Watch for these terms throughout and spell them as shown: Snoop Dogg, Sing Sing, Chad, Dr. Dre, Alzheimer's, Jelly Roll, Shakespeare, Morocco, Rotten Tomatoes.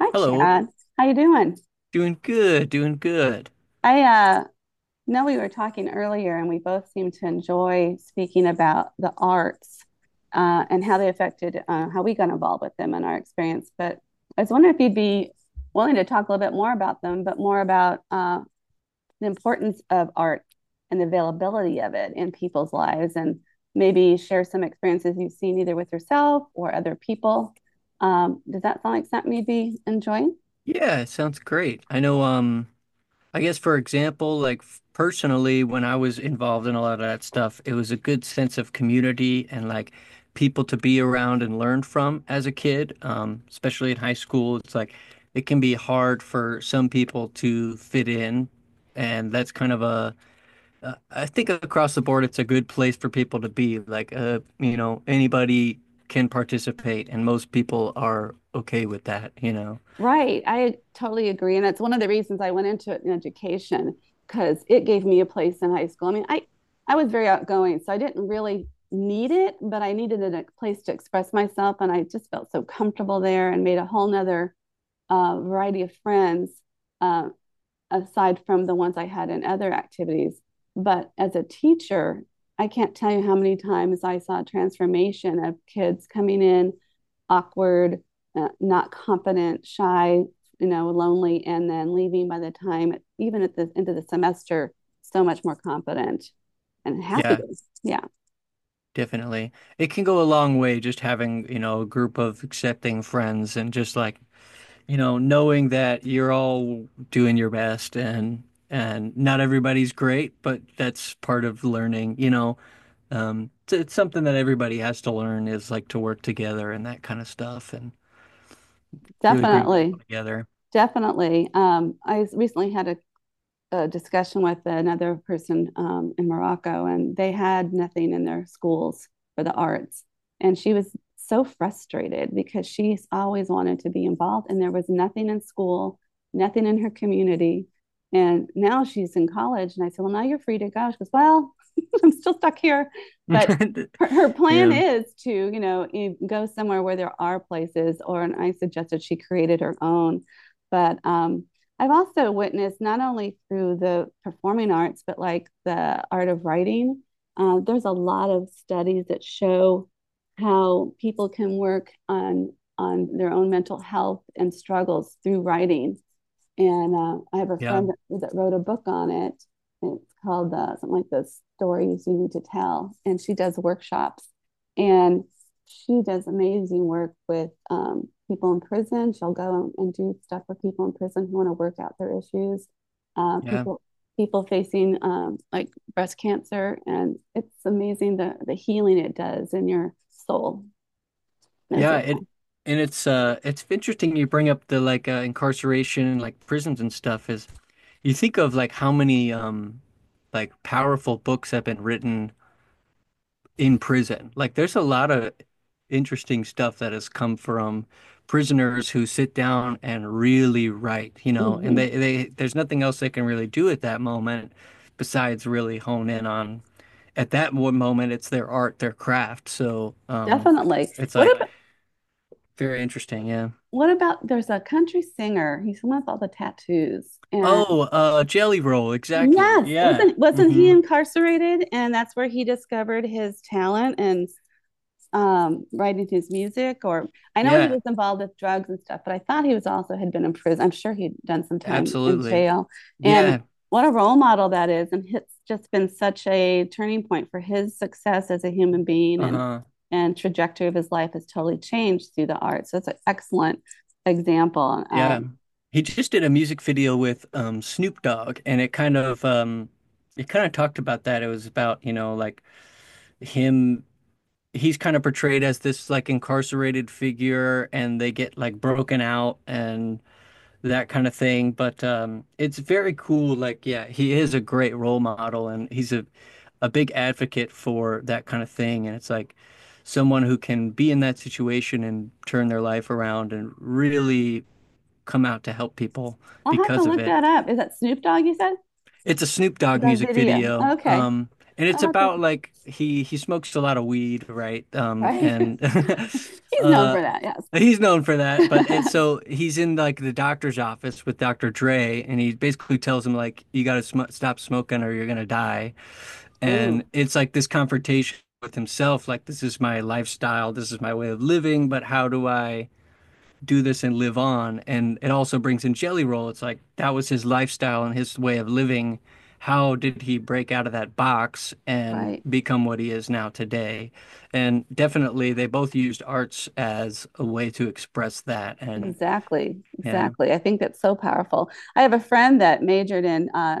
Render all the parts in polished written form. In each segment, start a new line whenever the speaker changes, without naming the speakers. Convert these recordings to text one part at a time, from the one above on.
Hi,
Hello,
Chad. How you doing?
doing good, doing good.
I know we were talking earlier, and we both seem to enjoy speaking about the arts and how they affected how we got involved with them and our experience. But I was wondering if you'd be willing to talk a little bit more about them, but more about the importance of art and the availability of it in people's lives, and maybe share some experiences you've seen either with yourself or other people. Does that sound like something you'd be enjoying?
Yeah, it sounds great. I know, I guess for example, like personally, when I was involved in a lot of that stuff, it was a good sense of community and like people to be around and learn from as a kid, especially in high school. It's like it can be hard for some people to fit in, and that's kind of a I think across the board, it's a good place for people to be. Like, anybody can participate, and most people are okay with that.
Right, I totally agree. And that's one of the reasons I went into it in education because it gave me a place in high school. I mean, I was very outgoing, so I didn't really need it, but I needed a place to express myself. And I just felt so comfortable there and made a whole nother variety of friends, uh, aside from the ones I had in other activities. But as a teacher, I can't tell you how many times I saw a transformation of kids coming in awkward, not competent, shy, you know, lonely, and then leaving by the time, even at the end of the semester, so much more competent and
Yeah,
happier. Yeah,
definitely. It can go a long way just having, a group of accepting friends and just like, knowing that you're all doing your best and not everybody's great, but that's part of learning. It's something that everybody has to learn is like to work together and that kind of stuff and really brings people
definitely.
together.
Definitely. I recently had a discussion with another person in Morocco, and they had nothing in their schools for the arts. And she was so frustrated because she's always wanted to be involved, and there was nothing in school, nothing in her community. And now she's in college, and I said, "Well, now you're free to go." She goes, "Well, I'm still stuck here, but." Her plan
Yeah,
is to, you know, e, go somewhere where there are places, or and I suggested she created her own. But I've also witnessed not only through the performing arts, but like the art of writing. There's a lot of studies that show how people can work on their own mental health and struggles through writing. And I have a
yeah,
friend that wrote a book on it. It's called something like the stories you need to tell. And she does workshops and she does amazing work with people in prison. She'll go and do stuff with people in prison who want to work out their issues. Uh,
yeah,
people people facing like breast cancer, and it's amazing the healing it does in your soul as
yeah.
well.
It and It's interesting you bring up the like incarceration and like prisons and stuff is you think of like how many like powerful books have been written in prison. Like there's a lot of interesting stuff that has come from prisoners who sit down and really write, you know, and
Mhm.
they there's nothing else they can really do at that moment besides really hone in on at that moment it's their art, their craft. So
Definitely.
it's
What
like
about
very interesting, yeah.
What about there's a country singer? He's the one with all the tattoos. And
Oh, Jelly Roll, exactly.
yes,
Yeah.
wasn't he
hmm
incarcerated? And that's where he discovered his talent and, writing his music. Or I know he
Yeah,
was involved with drugs and stuff, but I thought he was also had been in prison. I'm sure he'd done some time in
absolutely.
jail. And
Yeah.
what a role model that is, and it's just been such a turning point for his success as a human being
Uh-huh.
and trajectory of his life has totally changed through the arts. So it's an excellent example.
Yeah. He just did a music video with Snoop Dogg and it kind of talked about that. It was about, you know, like him he's kind of portrayed as this like incarcerated figure and they get like broken out and that kind of thing. But it's very cool. Like, yeah, he is a great role model and he's a big advocate for that kind of thing. And it's like someone who can be in that situation and turn their life around and really come out to help people
I'll have to
because of
look
it.
that up. Is that Snoop Dogg you said?
It's a Snoop Dogg music
Davidia.
video.
Okay.
And
I'll
it's
have to
about like he smokes a lot of weed, right?
Right.
And
He's known
uh
for that,
he's known for that, but it's
yes.
so he's in like the doctor's office with Dr. Dre and he basically tells him like you got to sm stop smoking or you're gonna die.
Ooh,
And it's like this confrontation with himself, like this is my lifestyle, this is my way of living, but how do I do this and live on. And it also brings in Jelly Roll. It's like that was his lifestyle and his way of living. How did he break out of that box and
right.
become what he is now today? And definitely, they both used arts as a way to express that. And
Exactly.
yeah,
Exactly. I think that's so powerful. I have a friend that majored in uh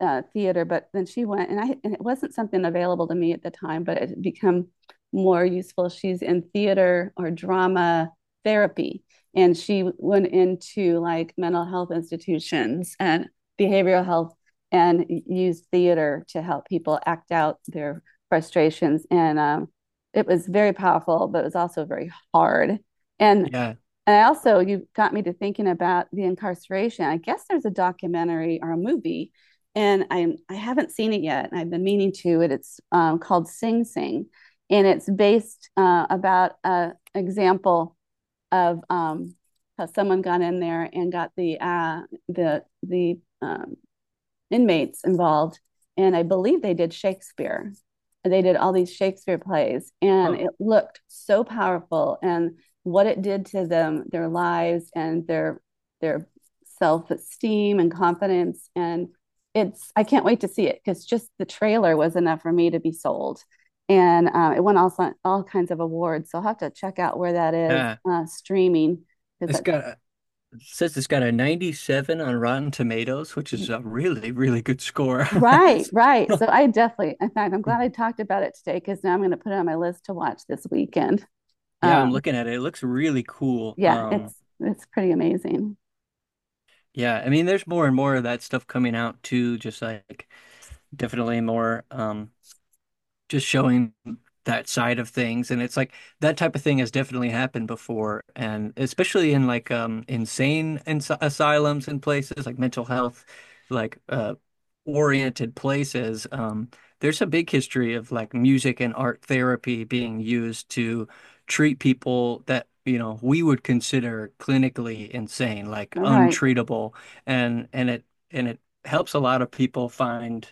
uh, theater, but then she went, and I and it wasn't something available to me at the time, but it had become more useful. She's in theater or drama therapy, and she went into like mental health institutions and behavioral health, and used theater to help people act out their frustrations. And it was very powerful, but it was also very hard. And
yeah,
and I also, you got me to thinking about the incarceration. I guess there's a documentary or a movie, and I haven't seen it yet, and I've been meaning to. It's called Sing Sing, and it's based about a example of how someone got in there and got the the the um, inmates involved, and I believe they did Shakespeare. They did all these Shakespeare plays, and
huh,
it looked so powerful. And what it did to them, their lives, and their self esteem and confidence, and it's I can't wait to see it because just the trailer was enough for me to be sold and it won all kinds of awards. So I'll have to check out where that is
yeah.
streaming because
It's
that.
got a, it says it's got a 97 on Rotten Tomatoes, which is a really, really good score.
Right, right. So I definitely, in fact, I'm glad I talked about it today because now I'm going to put it on my list to watch this weekend.
Yeah, I'm
Um,
looking at it. It looks really cool.
yeah, it's pretty amazing.
Yeah, I mean, there's more and more of that stuff coming out too, just like definitely more just showing that side of things and it's like that type of thing has definitely happened before and especially in like insane ins asylums and places like mental health like oriented places there's a big history of like music and art therapy being used to treat people that you know we would consider clinically insane like
All right,
untreatable and it helps a lot of people find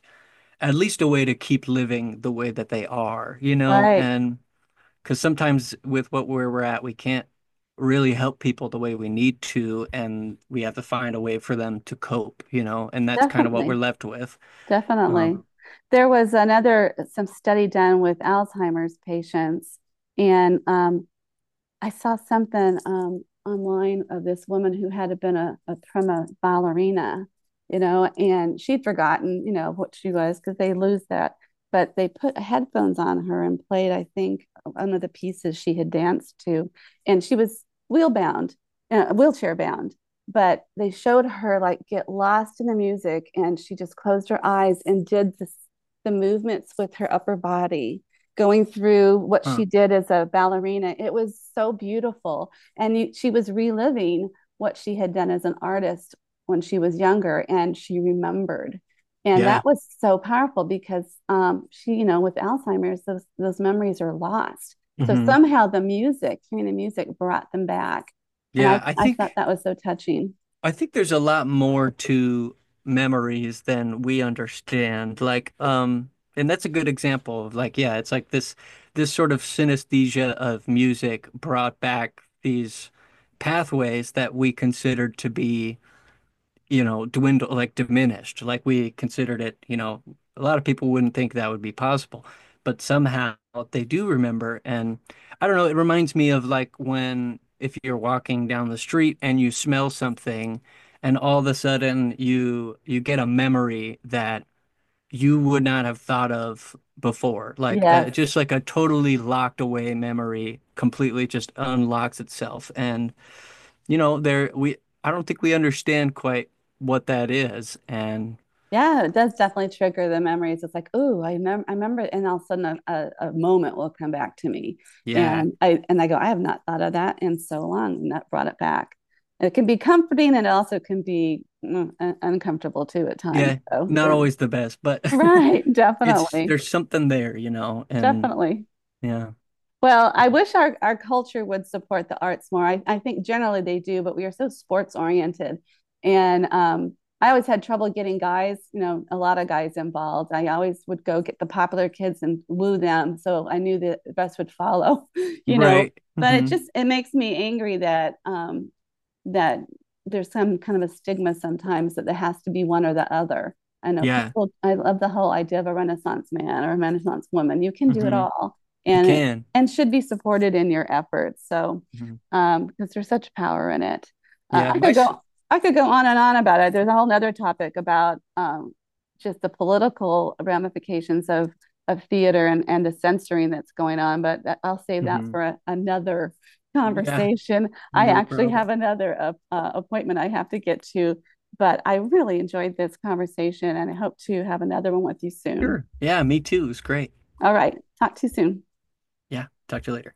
at least a way to keep living the way that they are, you know?
right.
And because sometimes with what where we're at, we can't really help people the way we need to, and we have to find a way for them to cope, you know? And that's kind of what we're
Definitely,
left with.
definitely.
Um,
There was another some study done with Alzheimer's patients, and I saw something online of this woman who had been a prima ballerina, you know, and she'd forgotten, you know, what she was because they lose that. But they put headphones on her and played, I think, one of the pieces she had danced to, and she was wheel bound, wheelchair bound. But they showed her like get lost in the music, and she just closed her eyes and did this, the movements with her upper body going through what she
huh.
did as a ballerina. It was so beautiful. And you, she was reliving what she had done as an artist when she was younger and she remembered. And
Yeah.
that was so powerful because she, you know, with Alzheimer's, those memories are lost. So
hmm
somehow the music, hearing the music brought them back. And I,
Yeah, I
I thought
think.
that was so touching.
I think there's a lot more to memories than we understand. Like, and that's a good example of like, yeah, it's like this sort of synesthesia of music brought back these pathways that we considered to be you know, dwindled, like diminished, like we considered it, you know, a lot of people wouldn't think that would be possible, but somehow they do remember. And I don't know, it reminds me of like when if you're walking down the street and you smell something and all of a sudden you get a memory that you would not have thought of before, like
Yes.
just like a totally locked away memory completely just unlocks itself. And you know, there we I don't think we understand quite what that is. And
Yeah, it does definitely trigger the memories. It's like, oh, I remember, and all of a sudden a moment will come back to me,
yeah,
and I go, I have not thought of that in so long, and that brought it back. And it can be comforting, and it also can be uncomfortable too at times.
yeah, not always the best, but
Right,
it's
definitely,
there's something there, you know, and
definitely.
yeah.
Well, I wish our culture would support the arts more. I think generally they do, but we are so sports oriented. And I always had trouble getting guys, you know, a lot of guys involved. I always would go get the popular kids and woo them. So I knew the best would follow, you know.
Right.
But it
hmm
just it makes me angry that that there's some kind of a stigma sometimes that there has to be one or the other. I know
Yeah.
people, I love the whole idea of a Renaissance man or a Renaissance woman. You can do it
hmm
all
You
and,
can.
and should be supported in your efforts. So,
Hmm
because there's such power in it. Uh,
Yeah,
I
my.
could go, I could go on and on about it. There's a whole nother topic about, just the political ramifications of theater and the censoring that's going on, but that, I'll save that
Hmm
for a, another
Yeah,
conversation. I
no
actually
problem.
have another appointment I have to get to, but I really enjoyed this conversation and I hope to have another one with you soon.
Sure. Yeah, me too. It's great.
All right, talk to you soon.
Yeah, talk to you later.